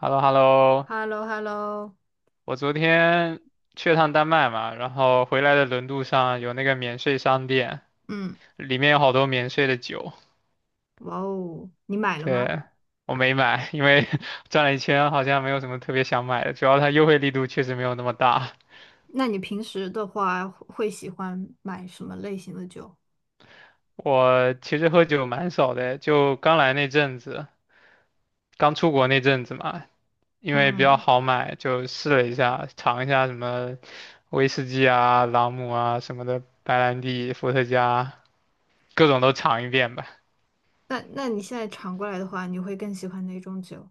h e l l o h e l l o h e l l o h e l l o 我昨天去了趟丹麦嘛，然后回来的轮渡上有那个免税商店，嗯。里面有好多免税的酒。哇哦，你买了吗？对，我没买，因为 转了一圈好像没有什么特别想买的，主要它优惠力度确实没有那么大。那你平时的话会喜欢买什么类型的酒？我其实喝酒蛮少的，就刚来那阵子，刚出国那阵子嘛，因为比较嗯。好买，就试了一下，尝一下什么威士忌啊、朗姆啊什么的，白兰地、伏特加，各种都尝一遍吧。那你现在尝过来的话，你会更喜欢哪种酒？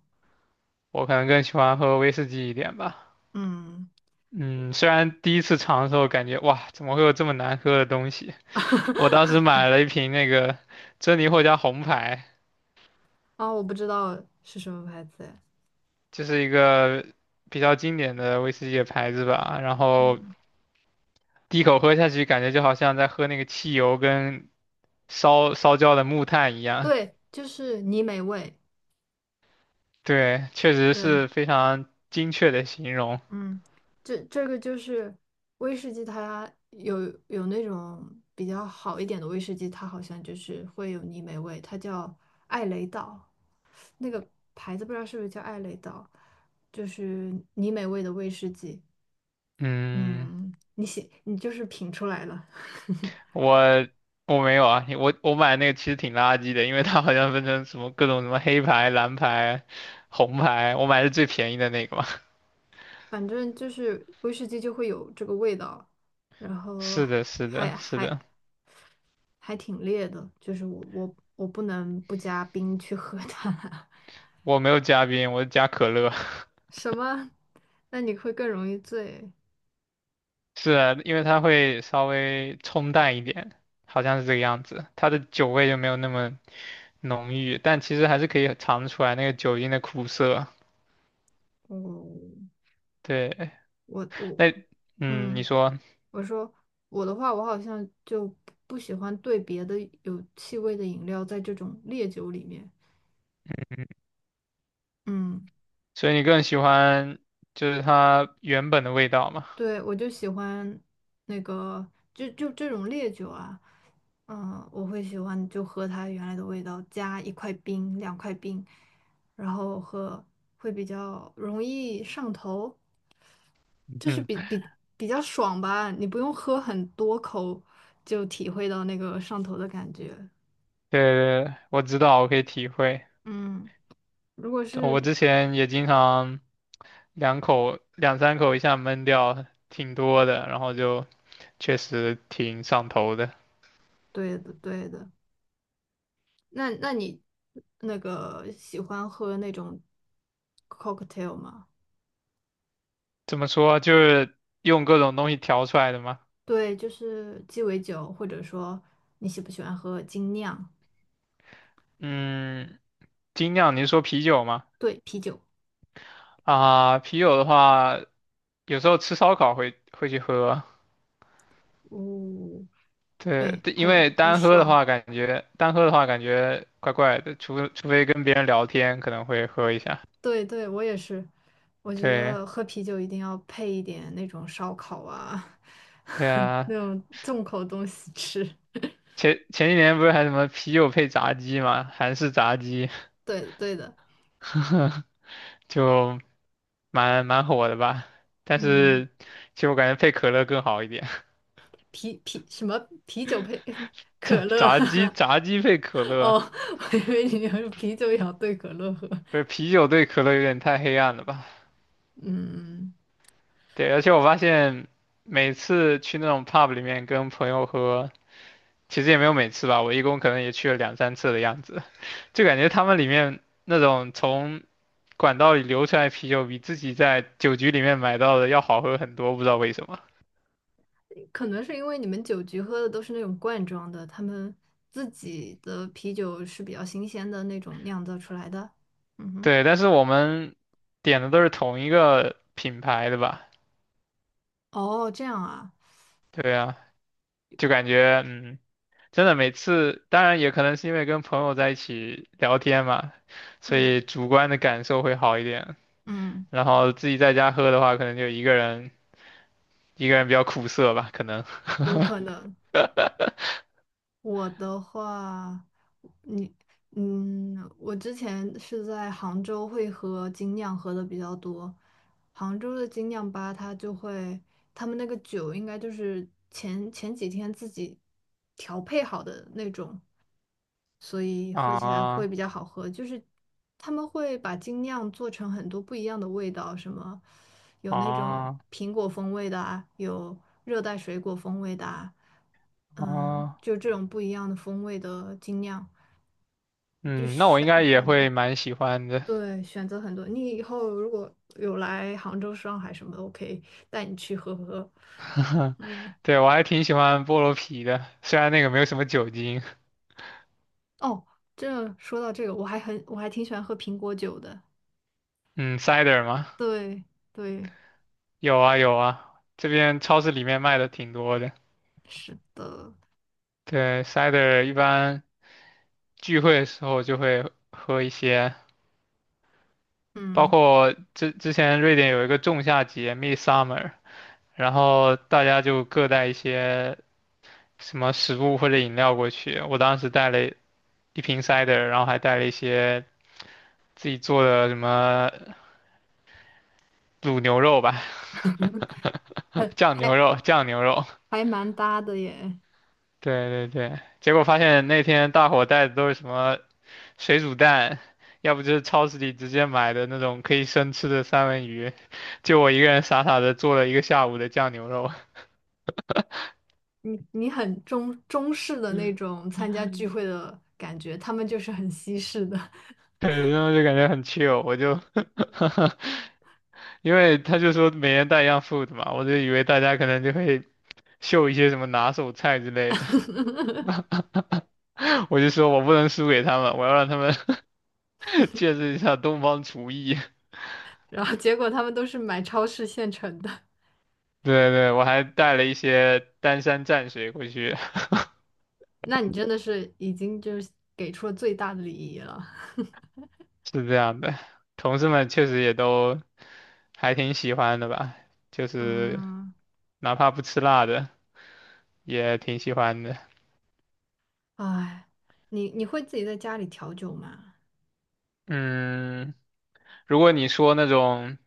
我可能更喜欢喝威士忌一点吧。嗯。 嗯，虽然第一次尝的时候感觉哇，怎么会有这么难喝的东西？我当时 买了一瓶那个珍妮获加红牌，啊、我不知道是什么牌子哎。就是一个比较经典的威士忌的牌子吧。然后嗯。第一口喝下去，感觉就好像在喝那个汽油跟烧焦的木炭一样。对，就是泥美味。对，确实对。是非常精确的形容。嗯。这个就是威士忌，它有那种比较好一点的威士忌，它好像就是会有泥煤味，它叫艾雷岛，那个牌子不知道是不是叫艾雷岛，就是泥煤味的威士忌。嗯，嗯，你写你就是品出来了。我我没有啊，我买那个其实挺垃圾的，因为它好像分成什么各种什么黑牌、蓝牌、红牌，我买的最便宜的那个嘛。反正就是威士忌就会有这个味道，然后是的，是的，还是还的，还挺烈的，就是我不能不加冰去喝它。我没有加冰，我加可乐。什么？那你会更容易醉。是啊，因为它会稍微冲淡一点，好像是这个样子，它的酒味就没有那么浓郁，但其实还是可以尝出来那个酒精的苦涩。我对，我，那嗯，你嗯，说，我说我的话，我好像就不喜欢兑别的有气味的饮料在这种烈酒里面。嗯。所以你更喜欢就是它原本的味道嘛？对，我就喜欢那个，就这种烈酒啊，嗯，我会喜欢就喝它原来的味道，加一块冰、两块冰，然后喝会比较容易上头。就是嗯。比较爽吧，你不用喝很多口就体会到那个上头的感觉。对，我知道，我可以体会。嗯，如果我是之前也经常两口、两三口一下闷掉，挺多的，然后就确实挺上头的。对的对的。那你那个喜欢喝那种 cocktail 吗？怎么说，就是用各种东西调出来的嘛。对，就是鸡尾酒，或者说你喜不喜欢喝精酿？嗯，精酿，你是说啤酒吗？对，啤酒。啊，啤酒的话，有时候吃烧烤会去喝。哦。对，对，对因很为很单喝的爽。话，感觉单喝的话感觉怪怪的，除非跟别人聊天，可能会喝一下。对对，我也是，我觉对。得喝啤酒一定要配一点那种烧烤啊，对 啊，那种重口东西吃。前几年不是还什么啤酒配炸鸡嘛，韩式炸鸡，对的对的。就蛮火的吧。但嗯。是其实我感觉配可乐更好一点，什么啤酒配 可炸乐？炸鸡 炸鸡配可哦，乐，我以为你要是啤酒也要兑可乐喝。不是啤酒对可乐有点太黑暗了吧？嗯。对，而且我发现每次去那种 pub 里面跟朋友喝，其实也没有每次吧，我一共可能也去了两三次的样子，就感觉他们里面那种从管道里流出来啤酒比自己在酒局里面买到的要好喝很多，不知道为什么。可能是因为你们酒局喝的都是那种罐装的，他们自己的啤酒是比较新鲜的那种酿造出来的。嗯哼。对，但是我们点的都是同一个品牌的吧？哦，这样啊。对啊，就感觉嗯，真的每次，当然也可能是因为跟朋友在一起聊天嘛，所嗯。以主观的感受会好一点。嗯。然后自己在家喝的话，可能就一个人比较苦涩吧，可能。有可能。我的话，你，嗯，我之前是在杭州会喝精酿喝的比较多，杭州的精酿吧，它就会，他们那个酒应该就是前几天自己调配好的那种，所以 喝起来会比啊较好喝。就是他们会把精酿做成很多不一样的味道，什么有那种啊苹果风味的啊，有热带水果风味的啊。嗯，啊！就这种不一样的风味的精酿，就嗯，那我应选该也选。会蛮喜欢的。对，选择很多。你以后如果有来杭州、上海什么的，我可以带你去喝喝。嗯。对，我还挺喜欢菠萝啤的，虽然那个没有什么酒精。哦，这说到这个，我还很我还挺喜欢喝苹果酒的。嗯，cider 吗？对对。有啊有啊，这边超市里面卖的挺多的。是的。对，cider 一般聚会的时候就会喝一些，包嗯，括之前瑞典有一个仲夏节（ （Midsummer），然后大家就各带一些什么食物或者饮料过去。我当时带了一瓶 cider，然后还带了一些自己做的什么卤牛肉吧，很酱牛还肉，酱牛肉。还蛮搭的耶。对对对，结果发现那天大伙带的都是什么水煮蛋，要不就是超市里直接买的那种可以生吃的三文鱼，就我一个人傻傻的做了一个下午的酱牛肉，你你很中式的那种参加聚会的感觉，他们就是很西式的。对，然后就感觉很 chill，我就，因为他就说每人带一样 food 嘛，我就以为大家可能就会秀一些什么拿手菜之类的，我就说我不能输给他们，我要让他们 见识一下东方厨艺。然后结果他们都是买超市现成的。对对，我还带了一些丹山蘸水过去，那你真的是已经就是给出了最大的礼仪了。是这样的。同事们确实也都还挺喜欢的吧，就是嗯。哪怕不吃辣的也挺喜欢的。哎，你你会自己在家里调酒吗？嗯，如果你说那种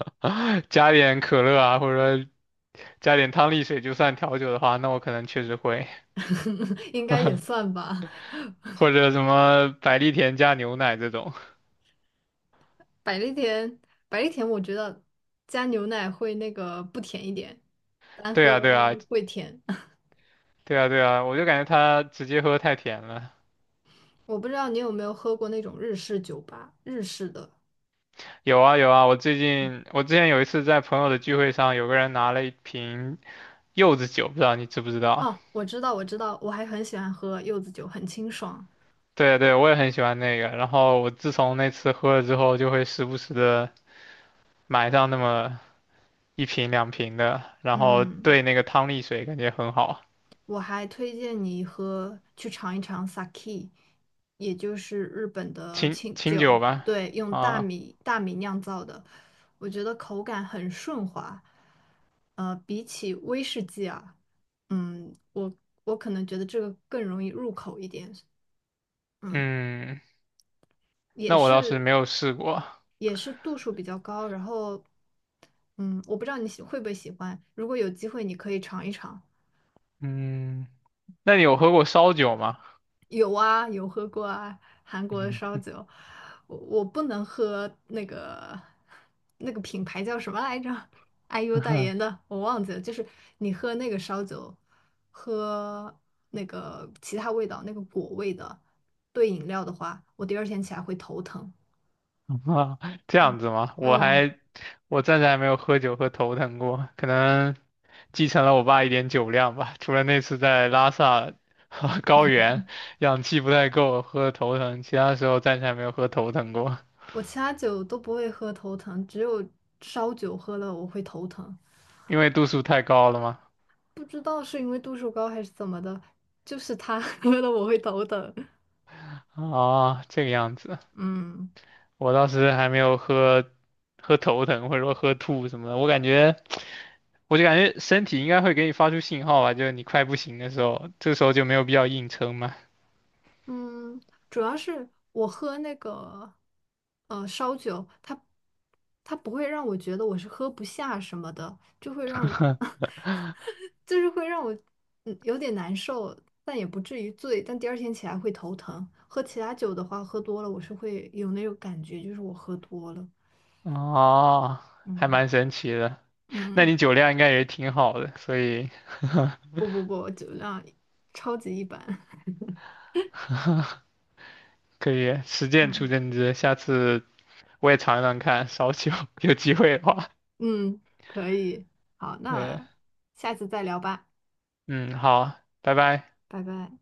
加点可乐啊，或者说加点汤力水就算调酒的话，那我可能确实会，应该也算吧。或者什么百利甜加牛奶这种。百利甜，百利甜，我觉得加牛奶会那个不甜一点，单对喝啊，对啊，会甜。对啊，对啊，我就感觉它直接喝太甜了。我不知道你有没有喝过那种日式酒吧，日式的。有啊有啊，我最近我之前有一次在朋友的聚会上，有个人拿了一瓶柚子酒，不知道你知不知道？哦，我知道，我知道，我还很喜欢喝柚子酒，很清爽。对啊对啊，我也很喜欢那个。然后我自从那次喝了之后，就会时不时的买上那么一瓶两瓶的，然后嗯。兑那个汤力水，感觉很好，我还推荐你喝去尝一尝 sake,也就是日本的清清清酒，酒吧。对，用大啊，米大米酿造的，我觉得口感很顺滑。比起威士忌啊，嗯，我我可能觉得这个更容易入口一点。嗯。嗯，也那我倒是是没有试过。也是度数比较高，然后嗯，我不知道你喜会不会喜欢，如果有机会你可以尝一尝。嗯，那你有喝过烧酒吗？有啊，有喝过啊，韩国的 烧嗯 酒，我不能喝那个那个品牌叫什么来着？IU 代言的，我忘记了。就是你喝那个烧酒，喝那个其他味道，那个果味的兑饮料的话，我第二天起来会头疼。啊，这样子吗？我嗯。还我暂时还没有喝酒喝头疼过，可能继承了我爸一点酒量吧。除了那次在拉萨 高原氧气不太够喝的头疼，其他时候暂时还没有喝头疼过，我其他酒都不会喝头疼，只有烧酒喝了我会头疼，因为度数太高了嘛。不知道是因为度数高还是怎么的，就是它 喝了我会头疼。啊，这个样子，嗯。我当时还没有喝头疼或者说喝吐什么的，我感觉。我就感觉身体应该会给你发出信号吧，就是你快不行的时候，这时候就没有必要硬撑嘛。嗯，主要是我喝那个烧酒，它不会让我觉得我是喝不下什么的，就会让我 就是会让我有点难受，但也不至于醉，但第二天起来会头疼。喝其他酒的话，喝多了我是会有那种感觉，就是我喝多了。哦，还嗯。蛮神奇的。那嗯，你酒量应该也挺好的，所以不，酒量超级一般。可以实践出嗯。真知。下次我也尝尝看烧酒，有机会的话。嗯，可以，好，对，那下次再聊吧，嗯，好，拜拜。拜拜。